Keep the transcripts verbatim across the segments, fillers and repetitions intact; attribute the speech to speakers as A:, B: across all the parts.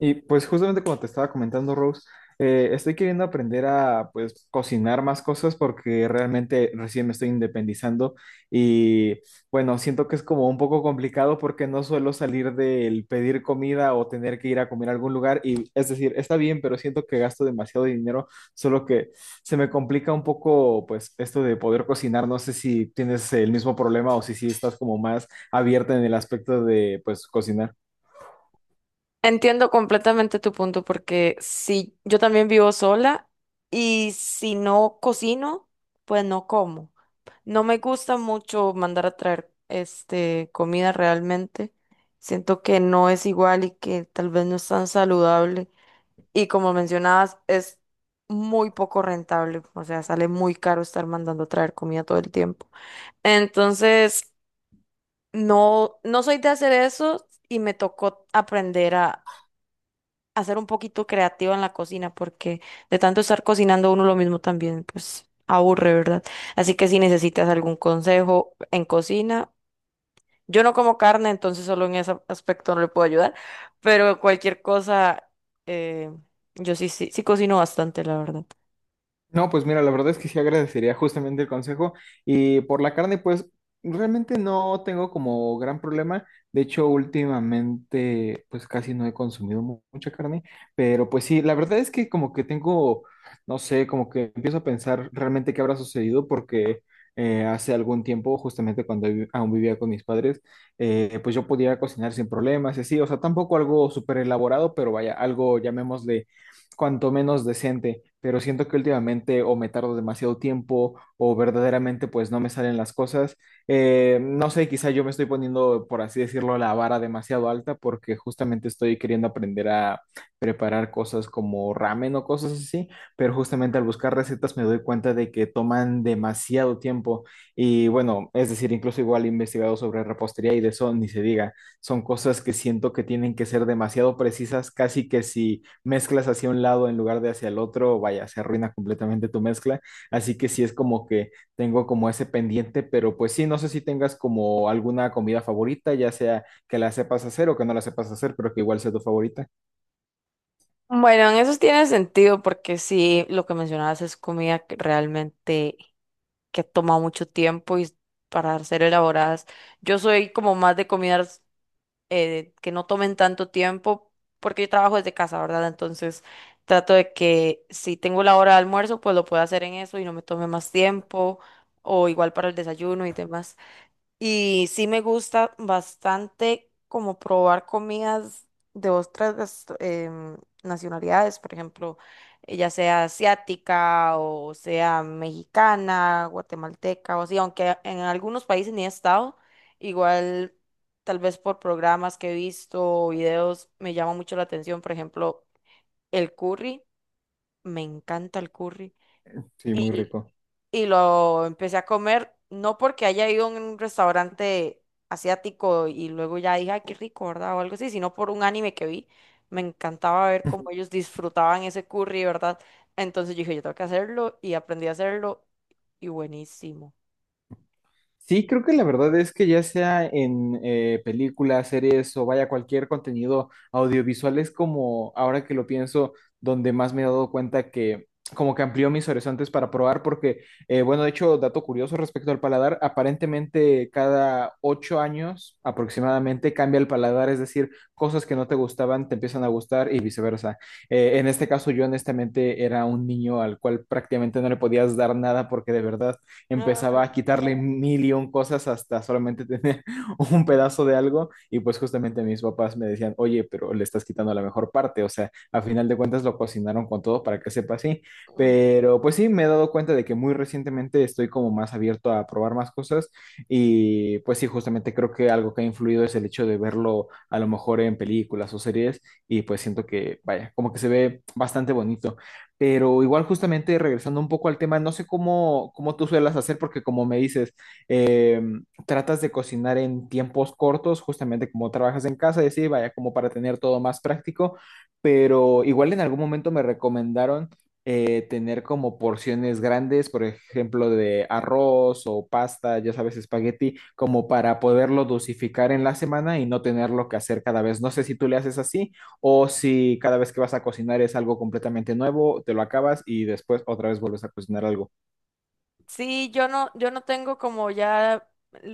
A: Y pues justamente como te estaba comentando, Rose, eh, estoy queriendo aprender a pues cocinar más cosas porque realmente recién me estoy independizando y bueno, siento que es como un poco complicado porque no suelo salir del pedir comida o tener que ir a comer a algún lugar y es decir, está bien, pero siento que gasto demasiado dinero, solo que se me complica un poco pues esto de poder cocinar. No sé si tienes el mismo problema o si sí estás como más abierta en el aspecto de pues cocinar.
B: Entiendo completamente tu punto porque si yo también vivo sola y si no cocino, pues no como. No me gusta mucho mandar a traer este comida realmente. Siento que no es igual y que tal vez no es tan saludable. Y como mencionabas, es muy poco rentable. O sea, sale muy caro estar mandando a traer comida todo el tiempo. Entonces, no, no soy de hacer eso y me tocó aprender a ser un poquito creativa en la cocina, porque de tanto estar cocinando uno lo mismo también, pues aburre, ¿verdad? Así que si necesitas algún consejo en cocina, yo no como carne, entonces solo en ese aspecto no le puedo ayudar, pero cualquier cosa, eh, yo sí, sí, sí cocino bastante, la verdad.
A: No, pues mira, la verdad es que sí agradecería justamente el consejo. Y por la carne, pues realmente no tengo como gran problema. De hecho, últimamente, pues casi no he consumido mu- mucha carne. Pero pues sí, la verdad es que como que tengo, no sé, como que empiezo a pensar realmente qué habrá sucedido porque eh, hace algún tiempo, justamente cuando vi- aún vivía con mis padres, eh, pues yo podía cocinar sin problemas y así. O sea, tampoco algo súper elaborado, pero vaya, algo llamémosle cuanto menos decente, pero siento que últimamente o me tardo demasiado tiempo o verdaderamente pues no me salen las cosas. Eh, no sé, quizá yo me estoy poniendo, por así decirlo, la vara demasiado alta porque justamente estoy queriendo aprender a preparar cosas como ramen o cosas así, pero justamente al buscar recetas me doy cuenta de que toman demasiado tiempo y bueno, es decir, incluso igual he investigado sobre repostería y de eso ni se diga, son cosas que siento que tienen que ser demasiado precisas, casi que si mezclas hacia un lado en lugar de hacia el otro, vaya, se arruina completamente tu mezcla. Así que sí es como que tengo como ese pendiente, pero pues sí, no sé si tengas como alguna comida favorita, ya sea que la sepas hacer o que no la sepas hacer, pero que igual sea tu favorita.
B: Bueno, en eso tiene sentido, porque sí, lo que mencionabas es comida que realmente que toma mucho tiempo y para ser elaboradas. Yo soy como más de comidas eh, que no tomen tanto tiempo, porque yo trabajo desde casa, ¿verdad? Entonces trato de que si tengo la hora de almuerzo, pues lo pueda hacer en eso y no me tome más tiempo, o igual para el desayuno y demás. Y sí me gusta bastante como probar comidas de otras gastro- em, nacionalidades, por ejemplo, eh, ya sea asiática o sea mexicana, guatemalteca o así, aunque en algunos países ni he estado, igual tal vez por programas que he visto o videos me llama mucho la atención, por ejemplo, el curry, me encanta el curry
A: Sí, muy rico.
B: y lo empecé a comer, no porque haya ido a un restaurante asiático y luego ya dije, ay, qué rico, ¿verdad? O algo así, sino por un anime que vi. Me encantaba ver cómo ellos disfrutaban ese curry, ¿verdad? Entonces yo dije, yo tengo que hacerlo y aprendí a hacerlo y buenísimo.
A: Sí, creo que la verdad es que ya sea en eh, películas, series o vaya cualquier contenido audiovisual es como, ahora que lo pienso, donde más me he dado cuenta que como que amplió mis horizontes para probar porque, eh, bueno, de hecho, dato curioso respecto al paladar, aparentemente cada ocho años aproximadamente cambia el paladar, es decir, cosas que no te gustaban te empiezan a gustar y viceversa. Eh, en este caso yo honestamente era un niño al cual prácticamente no le podías dar nada porque de verdad empezaba
B: Ay.
A: a quitarle mil y un cosas hasta solamente tener un pedazo de algo. Y pues justamente mis papás me decían, oye, pero le estás quitando la mejor parte. O sea, a final de cuentas lo cocinaron con todo para que sepa así. Pero pues sí, me he dado cuenta de que muy recientemente estoy como más abierto a probar más cosas. Y pues sí, justamente creo que algo que ha influido es el hecho de verlo a lo mejor en películas o series. Y pues siento que, vaya, como que se ve bastante bonito. Pero igual justamente regresando un poco al tema, no sé cómo, cómo tú suelas hacer, porque como me dices, eh, tratas de cocinar en tiempos cortos, justamente como trabajas en casa, y así, vaya, como para tener todo más práctico, pero igual en algún momento me recomendaron eh, tener como porciones grandes, por ejemplo, de arroz o pasta, ya sabes, espagueti, como para poderlo dosificar en la semana y no tenerlo que hacer cada vez. No sé si tú le haces así o si cada vez que vas a cocinar es algo completamente nuevo, te lo acabas y después otra vez vuelves a cocinar algo.
B: Sí, yo no, yo no tengo como ya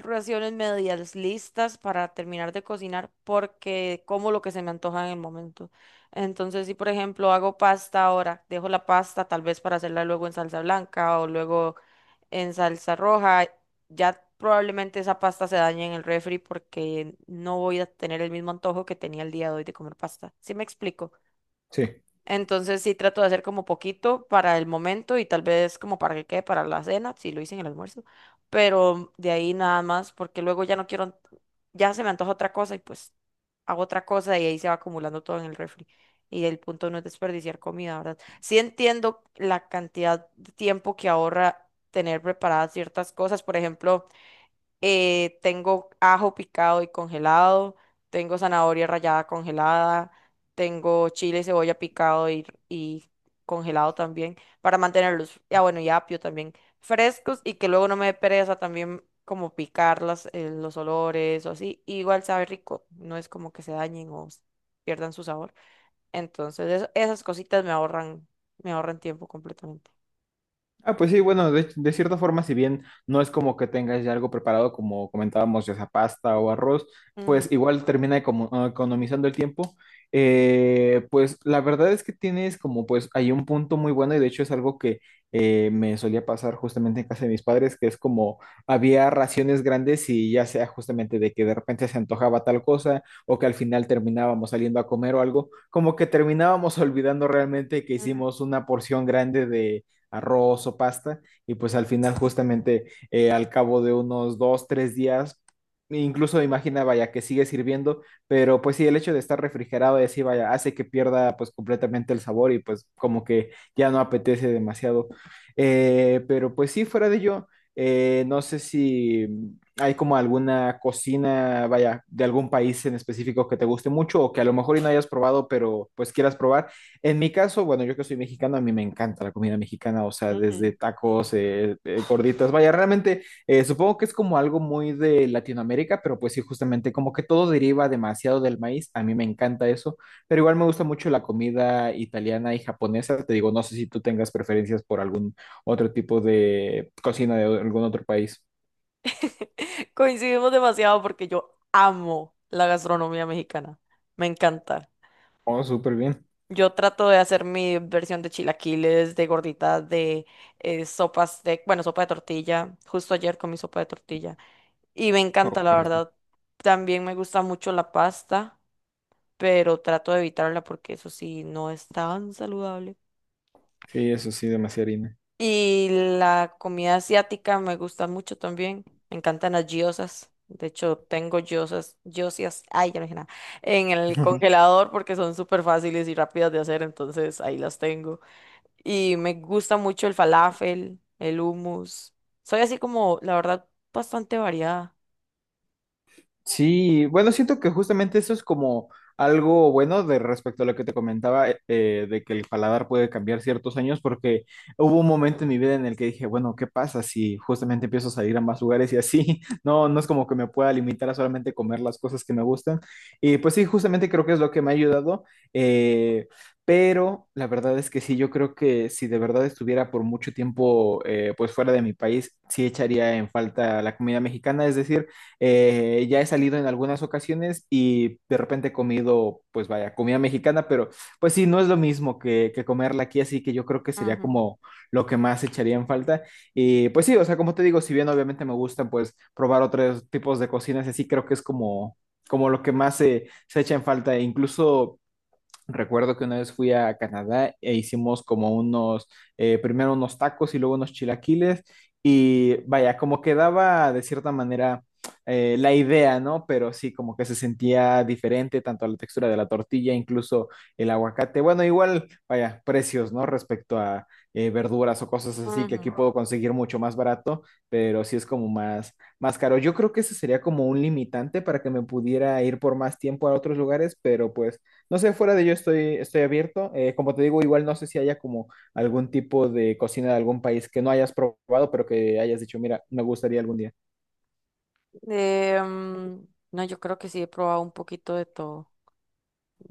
B: raciones medias listas para terminar de cocinar porque como lo que se me antoja en el momento. Entonces, si por ejemplo hago pasta ahora, dejo la pasta tal vez para hacerla luego en salsa blanca o luego en salsa roja, ya probablemente esa pasta se dañe en el refri porque no voy a tener el mismo antojo que tenía el día de hoy de comer pasta. ¿Sí me explico?
A: Sí.
B: Entonces sí trato de hacer como poquito para el momento y tal vez como para que quede para la cena, si lo hice en el almuerzo, pero de ahí nada más, porque luego ya no quiero, ya se me antoja otra cosa y pues hago otra cosa y ahí se va acumulando todo en el refri. Y el punto no es desperdiciar comida, ¿verdad? Sí entiendo la cantidad de tiempo que ahorra tener preparadas ciertas cosas, por ejemplo eh, tengo ajo picado y congelado, tengo zanahoria rallada congelada, tengo chile y cebolla picado y, y congelado también para mantenerlos, ya bueno, y apio también, frescos y que luego no me dé pereza también como picar las, eh, los olores o así, y igual sabe rico, no es como que se dañen o s- pierdan su sabor. Entonces, eso- esas cositas me ahorran, me ahorran tiempo completamente.
A: Ah, pues sí, bueno, de, de cierta forma, si bien no es como que tengas ya algo preparado, como comentábamos, ya sea pasta o arroz,
B: Ujú,
A: pues igual termina econo- ah, economizando el tiempo. Eh, pues la verdad es que tienes como pues hay un punto muy bueno y de hecho es algo que eh, me solía pasar justamente en casa de mis padres, que es como había raciones grandes y ya sea justamente de que de repente se antojaba tal cosa o que al final terminábamos saliendo a comer o algo, como que terminábamos olvidando realmente que hicimos una porción grande de arroz o pasta, y pues al final justamente eh, al cabo de unos dos, tres días, incluso imaginaba ya que sigue sirviendo, pero pues sí, el hecho de estar refrigerado y así, vaya, hace que pierda pues completamente el sabor y pues como que ya no apetece demasiado. Eh, pero pues sí, fuera de ello, eh, no sé si hay como alguna cocina, vaya, de algún país en específico que te guste mucho o que a lo mejor y no hayas probado, pero pues quieras probar. En mi caso, bueno, yo que soy mexicano, a mí me encanta la comida mexicana, o sea,
B: ujú,
A: desde
B: ujú.
A: tacos, eh, eh, gorditas, vaya, realmente eh, supongo que es como algo muy de Latinoamérica, pero pues sí, justamente como que todo deriva demasiado del maíz, a mí me encanta eso, pero igual me gusta mucho la comida italiana y japonesa, te digo, no sé si tú tengas preferencias por algún otro tipo de cocina de algún otro país.
B: Coincidimos demasiado porque yo amo la gastronomía mexicana. Me encanta.
A: Oh, súper bien.
B: Yo trato de hacer mi versión de chilaquiles, de gorditas, de eh, sopas de, bueno, sopa de tortilla. Justo ayer comí sopa de tortilla. Y me
A: Oh,
B: encanta,
A: qué
B: la
A: rico.
B: verdad. También me gusta mucho la pasta, pero trato de evitarla porque eso sí, no es tan saludable.
A: Sí, eso sí, demasiada harina.
B: Y la comida asiática me gusta mucho también. Me encantan las gyozas. De hecho, tengo gyozas, gyozas, ay, ya no dije nada, en el congelador porque son súper fáciles y rápidas de hacer, entonces ahí las tengo. Y me gusta mucho el falafel, el hummus. Soy así como, la verdad, bastante variada.
A: Sí, bueno, siento que justamente eso es como algo bueno de respecto a lo que te comentaba, eh, eh, de que el paladar puede cambiar ciertos años, porque hubo un momento en mi vida en el que dije, bueno, ¿qué pasa si justamente empiezo a salir a más lugares y así? No, no es como que me pueda limitar a solamente comer las cosas que me gustan. Y pues sí, justamente creo que es lo que me ha ayudado. eh, pero la verdad es que sí, yo creo que si de verdad estuviera por mucho tiempo eh, pues fuera de mi país, sí echaría en falta la comida mexicana, es decir... Eh, ya he salido en algunas ocasiones y de repente he comido, pues vaya, comida mexicana, pero pues sí, no es lo mismo que, que comerla aquí, así que yo creo que sería
B: Ujú,
A: como lo que más echaría en falta. Y pues sí, o sea, como te digo, si bien obviamente me gustan, pues probar otros tipos de cocinas, así creo que es como, como lo que más se, se echa en falta. E incluso recuerdo que una vez fui a Canadá e hicimos como unos, eh, primero unos tacos y luego unos chilaquiles y vaya, como quedaba de cierta manera eh, la idea, ¿no? Pero sí, como que se sentía diferente tanto a la textura de la tortilla, incluso el aguacate. Bueno, igual, vaya, precios, ¿no? Respecto a eh, verduras o cosas así que aquí
B: ujú.
A: puedo conseguir mucho más barato, pero sí es como más, más caro. Yo creo que ese sería como un limitante para que me pudiera ir por más tiempo a otros lugares, pero pues no sé, fuera de ello estoy, estoy abierto. Eh, como te digo, igual no sé si haya como algún tipo de cocina de algún país que no hayas probado, pero que hayas dicho, mira, me gustaría algún día.
B: Eh, mm, no, yo creo que sí he probado un poquito de todo,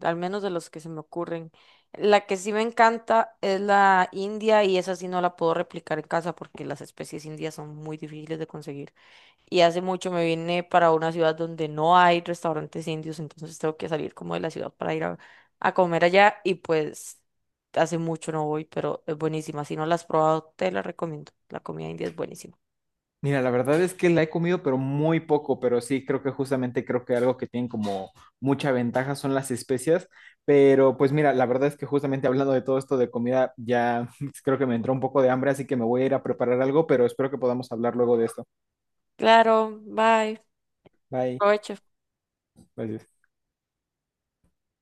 B: al menos de los que se me ocurren. La que sí me encanta es la india y esa sí no la puedo replicar en casa porque las especies indias son muy difíciles de conseguir. Y hace mucho me vine para una ciudad donde no hay restaurantes indios, entonces tengo que salir como de la ciudad para ir a, a comer allá y pues hace mucho no voy, pero es buenísima. Si no la has probado, te la recomiendo. La comida india es buenísima.
A: Mira, la verdad es que la he comido, pero muy poco, pero sí, creo que justamente creo que algo que tienen como mucha ventaja son las especias, pero pues mira, la verdad es que justamente hablando de todo esto de comida, ya creo que me entró un poco de hambre, así que me voy a ir a preparar algo, pero espero que podamos hablar luego de esto.
B: Claro, bye.
A: Bye.
B: Provecho.
A: Gracias.